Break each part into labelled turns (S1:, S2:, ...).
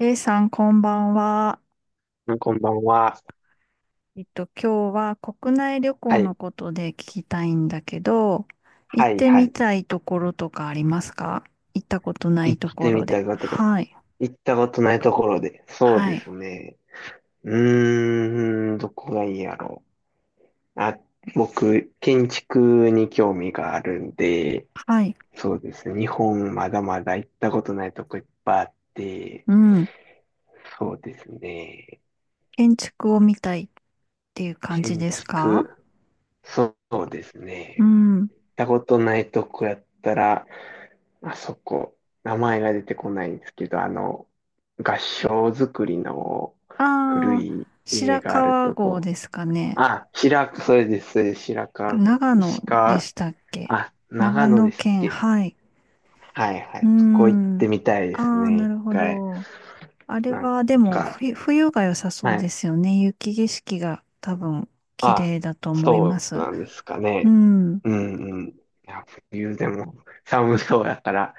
S1: A さん、こんばんは。
S2: こんばんは。
S1: 今日は国内旅
S2: は
S1: 行の
S2: い。
S1: ことで聞きたいんだけど、行
S2: は
S1: っ
S2: い、
S1: て
S2: は
S1: み
S2: い。
S1: たいところとかありますか？行ったことない
S2: 行
S1: と
S2: っ
S1: こ
S2: てみ
S1: ろで。
S2: たかところ。
S1: はい、
S2: 行ったことないところで。そう
S1: は
S2: です
S1: い、
S2: ね。どこがいいやろう。あ、僕、建築に興味があるんで、
S1: はい。
S2: そうですね。日本まだまだ行ったことないとこいっぱいあって、
S1: うん。
S2: そうですね。
S1: 建築を見たいっていう感じ
S2: 建
S1: ですか？
S2: 築、そうです
S1: う
S2: ね。
S1: ん。
S2: たことないとこやったら、あそこ、名前が出てこないんですけど、合掌造りの古
S1: ああ、
S2: い家
S1: 白
S2: がある
S1: 川
S2: と
S1: 郷
S2: こ。
S1: ですかね。
S2: あ、白川、それです、それです、白川郷。
S1: 長野
S2: 石
S1: で
S2: 川、
S1: したっけ？
S2: あ、長
S1: 長
S2: 野
S1: 野
S2: ですっ
S1: 県、
S2: け。
S1: はい。
S2: はいは
S1: うー
S2: い。そこ行っ
S1: ん。
S2: てみたいです
S1: ああ、
S2: ね、
S1: な
S2: 一
S1: るほ
S2: 回。
S1: ど。あれ
S2: なん
S1: はでも
S2: か、
S1: 冬が良さそう
S2: は
S1: で
S2: い。
S1: すよね。雪景色が多分綺
S2: あ、
S1: 麗だと思いま
S2: そう
S1: す。
S2: なんですか
S1: う
S2: ね。
S1: ん。
S2: うんうん。いや、冬でも寒そうやから、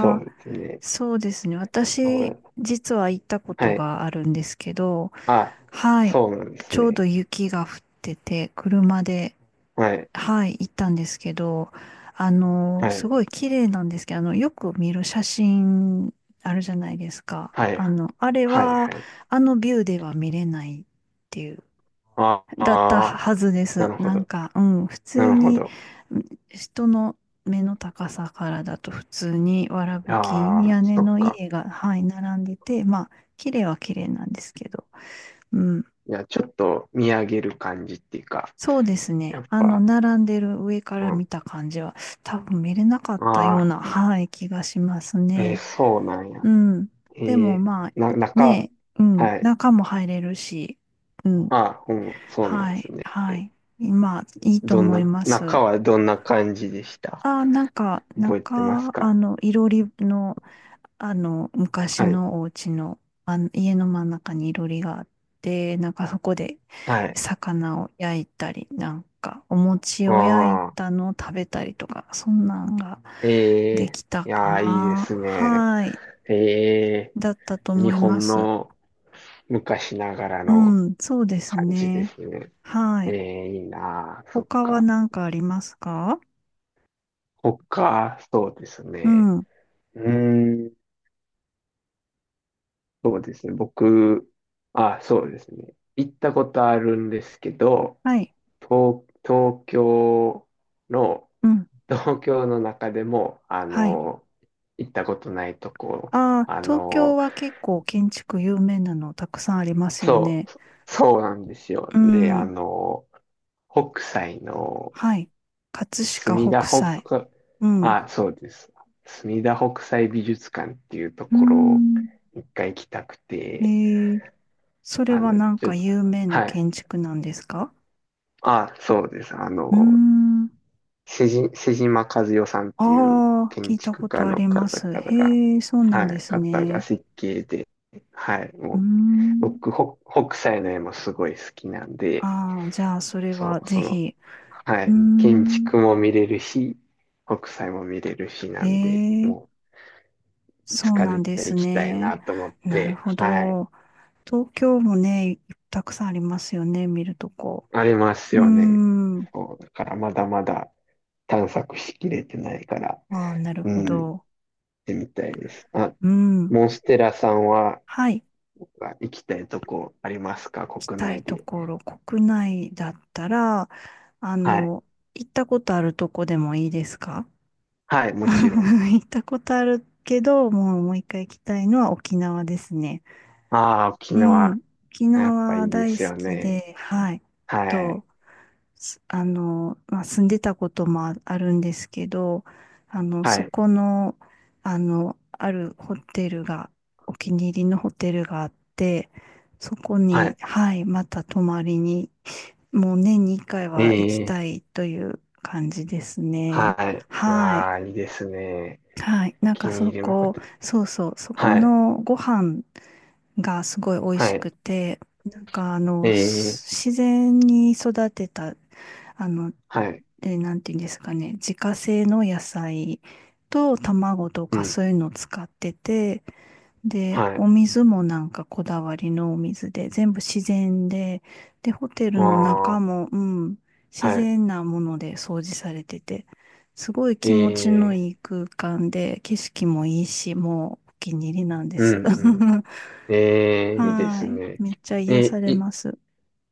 S2: そ
S1: あ、
S2: うですね。
S1: そうですね。私、実は行ったこ
S2: は
S1: と
S2: い。
S1: があるんですけど、
S2: あ、
S1: はい。
S2: そうなんです
S1: ちょうど
S2: ね。
S1: 雪が降ってて、車で、
S2: はい。
S1: はい、行ったんですけど、
S2: は
S1: す
S2: い。
S1: ごい綺麗なんですけど、よく見る写真あるじゃないですか。
S2: はい。
S1: あれ
S2: はい。
S1: は、
S2: はい。
S1: あのビューでは見れない。っていう
S2: あ
S1: だった
S2: あ、
S1: はずで
S2: な
S1: す。
S2: るほ
S1: なん
S2: ど。
S1: か、うん、普
S2: な
S1: 通
S2: るほ
S1: に、
S2: ど。
S1: うん、人の目の高さからだと普通にわらぶき
S2: ああ、
S1: 屋根
S2: そっ
S1: の
S2: か。
S1: 家が、はい、並んでて、まあ、綺麗は綺麗なんですけど、うん、
S2: いや、ちょっと見上げる感じっていうか、
S1: そうです
S2: や
S1: ね。
S2: っ
S1: あの、
S2: ぱ、
S1: 並んでる上から
S2: うん。
S1: 見た感じは、多分見れなかった
S2: あ
S1: よう
S2: あ、
S1: な、はい、気がします
S2: えー
S1: ね。
S2: そうなんや。
S1: うん。
S2: え
S1: でも、
S2: ー
S1: まあ、
S2: な、
S1: い
S2: 中、
S1: ね、うん、
S2: はい。
S1: 中も入れるし、うん、
S2: ああ、うん、そうなん
S1: は
S2: です
S1: い、
S2: ね。
S1: はい。まあ、いいと
S2: どん
S1: 思
S2: な、
S1: います。
S2: 中はどんな感じでした？
S1: ああ、なんか、
S2: 覚えてます
S1: 中、
S2: か？
S1: いろりの、昔
S2: はい。
S1: のお家の、家の真ん中にいろりがあって、なんかそこで
S2: はい。
S1: 魚を焼いたり、なんかお餅
S2: あ
S1: を焼い
S2: あ、
S1: たのを食べたりとか、そんなんが
S2: え
S1: で
S2: え
S1: きた
S2: い
S1: か
S2: やー、いいで
S1: な。
S2: すね。
S1: はい。
S2: え
S1: だったと思
S2: 日
S1: いま
S2: 本
S1: す。
S2: の昔ながら
S1: う
S2: の
S1: ん、そうです
S2: 感じで
S1: ね。
S2: すね。
S1: はい。
S2: いいなあそっ
S1: 他は
S2: か。
S1: 何かありますか？
S2: 他、そうです
S1: う
S2: ね。
S1: ん。
S2: うーん、そうですね。僕、あ、そうですね。行ったことあるんですけど、
S1: はい。
S2: 東、東京の、
S1: うん。
S2: 東京の中でも、
S1: はい。
S2: 行ったことないとこ、
S1: ああ、
S2: あ
S1: 東京
S2: の、
S1: は結構建築有名なのたくさんありますよ
S2: そ
S1: ね。
S2: う、そうなんですよ。
S1: う
S2: で、
S1: ん。
S2: 北斎の
S1: はい。葛
S2: 墨
S1: 飾
S2: 田
S1: 北斎。
S2: 北、
S1: うん。う
S2: あ、そうです。墨田北斎美術館っていうと
S1: ー
S2: ころを
S1: ん。
S2: 一回行きたく
S1: え
S2: て、
S1: ー、それはなん
S2: ちょっ
S1: か
S2: と、
S1: 有名な
S2: はい。
S1: 建築なんですか？
S2: あ、そうです。
S1: うーん。
S2: 瀬島和代さんっていう
S1: ああ、聞
S2: 建
S1: いた
S2: 築
S1: こ
S2: 家
S1: とあ
S2: の
S1: りま
S2: 方
S1: す。
S2: 々が、
S1: へえ、そうな
S2: は
S1: んで
S2: い、
S1: す
S2: 方が
S1: ね。
S2: 設計で、はい、
S1: うー
S2: もう、
S1: ん。
S2: 僕、北斎の絵もすごい好きなんで、
S1: ああ、じゃあそれは
S2: そう、
S1: ぜ
S2: その、
S1: ひ。
S2: は
S1: うー
S2: い。建
S1: ん。
S2: 築も見れるし、北斎も見れるし
S1: へ
S2: なんで、
S1: え、
S2: もう、い
S1: そ
S2: つ
S1: う
S2: か
S1: なん
S2: 絶
S1: で
S2: 対
S1: す
S2: 行きたい
S1: ね。
S2: なと思っ
S1: なる
S2: て、
S1: ほ
S2: はい。
S1: ど。東京もね、たくさんありますよね、見るとこ。
S2: あります
S1: うー
S2: よね。
S1: ん。
S2: そう、だからまだまだ探索しきれてないから、
S1: ああ、なる
S2: う
S1: ほ
S2: ん、行っ
S1: ど。
S2: てみたいです。あ、
S1: うん。
S2: モンステラさんは
S1: はい。
S2: あ行きたいとこありますか？
S1: 行き
S2: 国
S1: たい
S2: 内
S1: と
S2: で。
S1: ころ、国内だったら、あ
S2: はい。
S1: の、行ったことあるとこでもいいですか？
S2: はい、もちろん。
S1: 行ったことあるけど、もう一回行きたいのは沖縄ですね。
S2: ああ、沖
S1: う
S2: 縄、
S1: ん。沖
S2: やっぱい
S1: 縄
S2: いで
S1: 大
S2: す
S1: 好
S2: よ
S1: き
S2: ね。
S1: で、はい。
S2: はい。
S1: と、すあの、まあ、住んでたこともああるんですけど、あの、
S2: は
S1: そ
S2: い。
S1: この、あるホテルが、お気に入りのホテルがあって、そこ
S2: は
S1: に、
S2: い。
S1: はい、また泊まりに、もう年に1回
S2: え
S1: は行き
S2: え
S1: たいという感じですね。
S2: はい。
S1: はい。
S2: ああ、いいですね。
S1: はい。
S2: お
S1: なん
S2: 気
S1: か
S2: に入
S1: そ
S2: りのホ
S1: こ、
S2: テル。
S1: そうそう、そこ
S2: はい。
S1: のご飯がすごい美味し
S2: はい。
S1: くて、なんかあ
S2: え
S1: の、
S2: え、
S1: す自然に育てた、あの、
S2: はい。
S1: なんていうんですかね、自家製の野菜と卵と
S2: う
S1: か
S2: ん。
S1: そういうのを使ってて、で、
S2: はい。
S1: お水もなんかこだわりのお水で、全部自然で、で、ホテルの
S2: あ
S1: 中
S2: あ、
S1: も、うん、自
S2: は
S1: 然なもので掃除されてて、すごい
S2: い。え
S1: 気持ちの
S2: え、
S1: いい空間で、景色もいいし、もうお気に入りなんで
S2: うん、
S1: す。
S2: うん。え え、いいで
S1: は
S2: す
S1: い。
S2: ね。
S1: めっちゃ癒さ
S2: え、
S1: れ
S2: い、
S1: ます。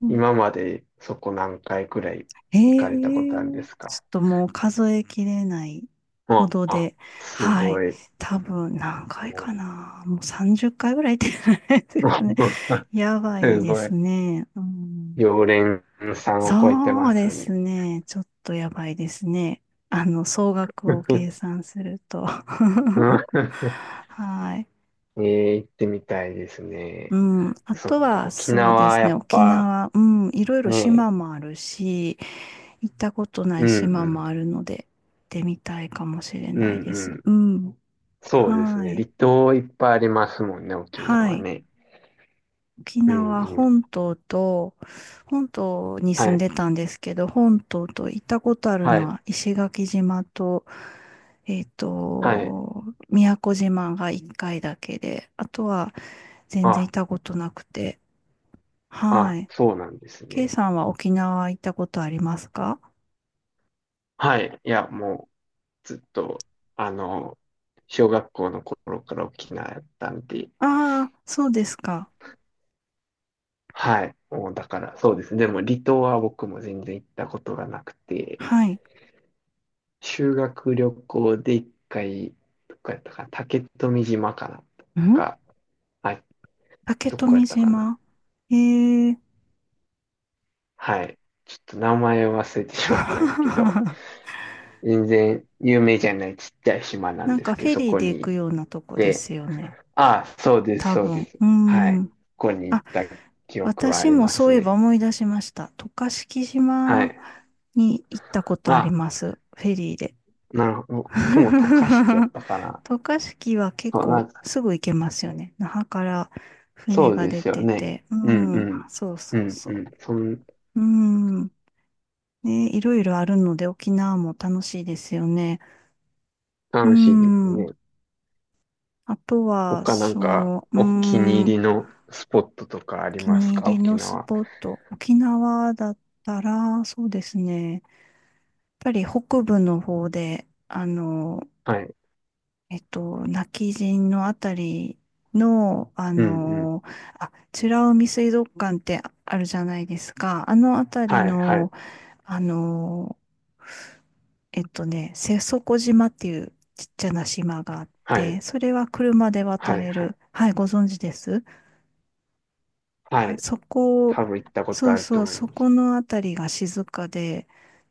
S1: うん、
S2: 今までそこ何回くらい行か
S1: え
S2: れたことあるんで
S1: え、
S2: す
S1: ち
S2: か？
S1: ょっともう数えきれないほ
S2: あ
S1: ど
S2: あ、
S1: で、
S2: す
S1: はい。
S2: ごい。
S1: 多分何回
S2: も
S1: かな。もう30回ぐらい行ってないです
S2: う
S1: かね。やばい
S2: す
S1: で
S2: ごい。
S1: すね。うん、
S2: 常連さんを超えて
S1: そ
S2: ま
S1: うで
S2: す
S1: す
S2: ね。
S1: ね。ちょっとやばいですね。あの、総額を計算すると。はい。
S2: ええ、行ってみたいです
S1: う
S2: ね。
S1: ん。あ
S2: そっ
S1: と
S2: か、
S1: は、
S2: 沖
S1: そうで
S2: 縄、
S1: す
S2: や
S1: ね。
S2: っ
S1: 沖
S2: ぱ、
S1: 縄、うん。いろいろ
S2: ね
S1: 島もあるし、行ったことな
S2: う
S1: い
S2: ん
S1: 島
S2: う
S1: も
S2: ん、
S1: あるので、行ってみたいかもしれ
S2: うん
S1: ないで
S2: う
S1: す。
S2: ん。
S1: うん。
S2: そうです
S1: は
S2: ね。離
S1: い。
S2: 島いっぱいありますもんね、沖
S1: は
S2: 縄
S1: い。
S2: ね。
S1: 沖
S2: うん
S1: 縄
S2: うん。
S1: 本島と、本島に
S2: は
S1: 住ん
S2: い、
S1: でたんですけど、本島と行ったことある
S2: は
S1: の
S2: い、
S1: は石垣島と、えっ
S2: はい。
S1: と、宮古島が1回だけで、あとは全然行
S2: あ、
S1: ったことなくて。は
S2: あ、
S1: い。
S2: そうなんです
S1: K
S2: ね。
S1: さんは沖縄行ったことありますか？
S2: はい。いや、もう、ずっと、あの、小学校の頃から沖縄やったんで、
S1: ああー、そうですか。
S2: はい。もう、だから、そうですね。でも、離島は僕も全然行ったことがなくて、
S1: はい。
S2: 修学旅行で一回、どこやったかな、竹富島かなとか、あ、
S1: 竹
S2: どこや
S1: 富
S2: ったかな。
S1: 島。ええ
S2: はい。ちょっと名前を忘れてしまったんですけど、全然有名じゃないちっちゃい島なん
S1: なん
S2: で
S1: か
S2: す
S1: フ
S2: けど、
S1: ェ
S2: そ
S1: リー
S2: こ
S1: で行
S2: に行
S1: く
S2: っ
S1: ようなとこで
S2: て、
S1: すよね。
S2: ああ、そうです、
S1: 多
S2: そう
S1: 分。
S2: で
S1: う
S2: す。
S1: ー
S2: はい。
S1: ん。
S2: ここに行っ
S1: あ、
S2: た記憶はあ
S1: 私
S2: り
S1: も
S2: ま
S1: そ
S2: す
S1: ういえば
S2: ね。
S1: 思い出しました。渡嘉敷
S2: は
S1: 島
S2: い。
S1: に行ったことあり
S2: あ、
S1: ます。フェリーで。
S2: なるほど。僕も渡嘉敷やっ たかな。
S1: 渡嘉敷は結
S2: そう、な
S1: 構
S2: んか、
S1: すぐ行けますよね。那覇から
S2: そ
S1: 船
S2: う
S1: が
S2: で
S1: 出
S2: すよ
S1: て
S2: ね。
S1: て。う
S2: うんう
S1: ん。
S2: ん。
S1: そう
S2: う
S1: そう
S2: ん
S1: そ
S2: うん。そん、
S1: う。うん。ね、いろいろあるので沖縄も楽しいですよね。う
S2: 楽しいです
S1: ん。
S2: ね。
S1: あとは、
S2: 他なんか
S1: そう、うー
S2: お気に
S1: ん、お
S2: 入りのスポットとかあり
S1: 気
S2: ます
S1: に入
S2: か？
S1: り
S2: 沖
S1: のス
S2: 縄。
S1: ポット、沖縄だったら、そうですね、やっぱり北部の方で、あの、
S2: はい。
S1: 今帰仁のあたりの、あ
S2: うんうん。
S1: の、あ、美ら海水族館ってあるじゃないですか。あのあたり
S2: はい、はい、
S1: の、あの、えっとね、瀬底島っていうちっちゃな島があっ
S2: はい、
S1: て、それは車で渡
S2: はい、
S1: れ
S2: はい。
S1: る。はい、ご存知です
S2: は
S1: は
S2: い。
S1: そこ、
S2: 多分行ったこと
S1: そう
S2: あると
S1: そう、
S2: 思い
S1: そ
S2: ます。
S1: このあたりが静かで、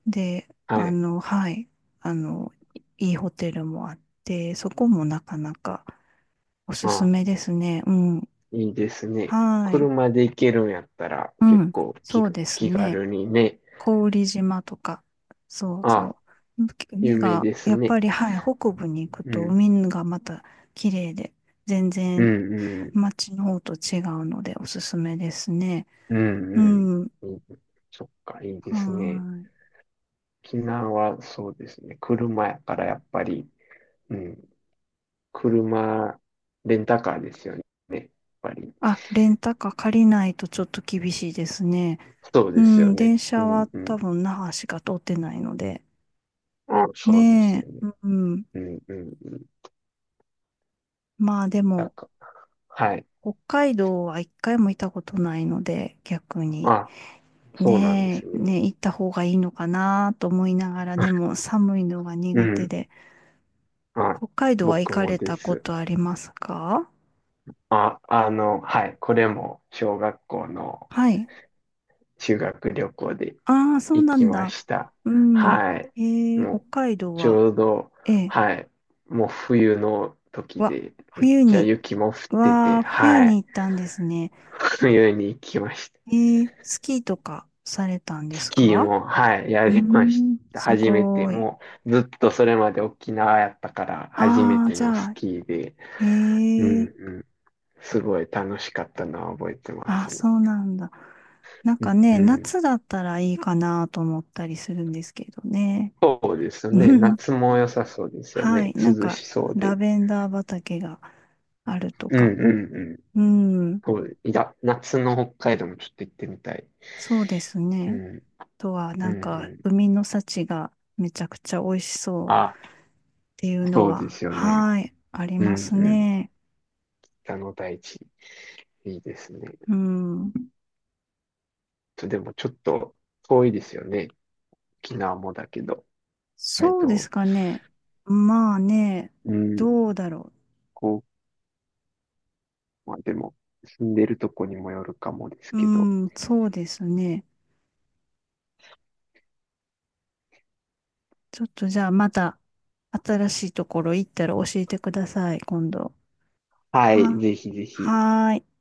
S1: で、
S2: は
S1: あ
S2: い。
S1: の、はい、いいいホテルもあって、そこもなかなかおす
S2: ま
S1: す
S2: あ、
S1: めですね。うん。
S2: いいですね。
S1: はい。
S2: 車で行けるんやったら
S1: う
S2: 結
S1: ん。
S2: 構気、
S1: そうです
S2: 気
S1: ね。
S2: 軽にね。
S1: 郡島とか、そう
S2: あ、
S1: そう。海
S2: 有名
S1: が、
S2: です
S1: やっぱ
S2: ね。
S1: り、はい、北部に行く
S2: う
S1: と
S2: ん、
S1: 海がまた綺麗で、全
S2: う
S1: 然
S2: ん、うん、
S1: 街の方と違うのでおすすめですね。
S2: うん、う
S1: う
S2: ん。
S1: ん。
S2: うんそっか、いいですね。
S1: はい。
S2: 沖縄はそうですね。車やからやっぱり、うん、車、レンタカーですよね。やっぱり。
S1: あ、レンタカー借りないとちょっと厳しいですね。
S2: そう
S1: う
S2: ですよ
S1: ん、電
S2: ね。う
S1: 車は
S2: んう
S1: 多
S2: ん。
S1: 分那覇しか通ってないので。
S2: あ、そうですよ
S1: ね
S2: ね。
S1: え、うん。
S2: うんうんうん。
S1: まあで
S2: なん
S1: も、
S2: か、はい。
S1: 北海道は一回も行ったことないので、逆に。
S2: あ、そうなんです
S1: ねえ、
S2: ね。
S1: ねえ、行った方がいいのかなと思いながら、でも 寒いのが
S2: う
S1: 苦手
S2: ん。
S1: で。
S2: あ、
S1: 北海道は行
S2: 僕
S1: か
S2: も
S1: れ
S2: で
S1: たこ
S2: す。
S1: とありますか？
S2: あ、はい。これも小学校の
S1: はい。
S2: 修学旅行で
S1: ああ、そう
S2: 行
S1: な
S2: き
S1: ん
S2: ま
S1: だ。
S2: した。
S1: うん。
S2: はい。
S1: えー、北
S2: も
S1: 海
S2: う、
S1: 道
S2: ち
S1: は、
S2: ょうど、
S1: ええ、
S2: はい。もう冬の時
S1: わ、
S2: で、めっ
S1: 冬
S2: ちゃ
S1: に、
S2: 雪も降って
S1: わ
S2: て、
S1: あ、冬
S2: はい。
S1: に行ったんですね。
S2: 冬に行きました。
S1: えー、スキーとかされたんで
S2: ス
S1: す
S2: キー
S1: か？
S2: も、はい、や
S1: うー
S2: りまし
S1: ん、
S2: た。
S1: す
S2: 初めて、
S1: ごい。
S2: もうずっとそれまで沖縄やったから、初め
S1: ああ、
S2: て
S1: じ
S2: の
S1: ゃ
S2: ス
S1: あ、
S2: キーで、
S1: え
S2: うん
S1: ー、
S2: うん、すごい楽しかったのは覚えてます
S1: あ、
S2: ね。
S1: そうなんだ。なん
S2: う
S1: か
S2: んう
S1: ね、
S2: ん、
S1: 夏だったらいいかなと思ったりするんですけどね。
S2: そうですね。夏 も良さそうですよ
S1: はい、
S2: ね。
S1: なん
S2: 涼
S1: か、
S2: しそう
S1: ラ
S2: で。
S1: ベンダー畑があると
S2: うんう
S1: か。
S2: んうん。
S1: うん、
S2: そういや、夏の北海道もちょっと行ってみたい。
S1: そうです
S2: う
S1: ね。
S2: ん、
S1: あとは、
S2: う
S1: な
S2: ん、
S1: んか、
S2: うん。
S1: 海の幸がめちゃくちゃ美味しそう。
S2: あ、
S1: っていうの
S2: そうで
S1: は、
S2: すよね。
S1: はい、あり
S2: う
S1: ま
S2: ん、
S1: す
S2: うん。
S1: ね。
S2: 北の大地、いいですね。
S1: うん。
S2: とでもちょっと遠いですよね。沖縄もだけど。は
S1: そうですかね。まあね、
S2: うん、
S1: どうだろ
S2: こう、まあでも、住んでるとこにもよるかもです
S1: う。
S2: けど。
S1: うん、そうですね。ちょっとじゃあまた新しいところ行ったら教えてください、今度。
S2: はい、
S1: は、
S2: ぜひぜひ。
S1: はーい。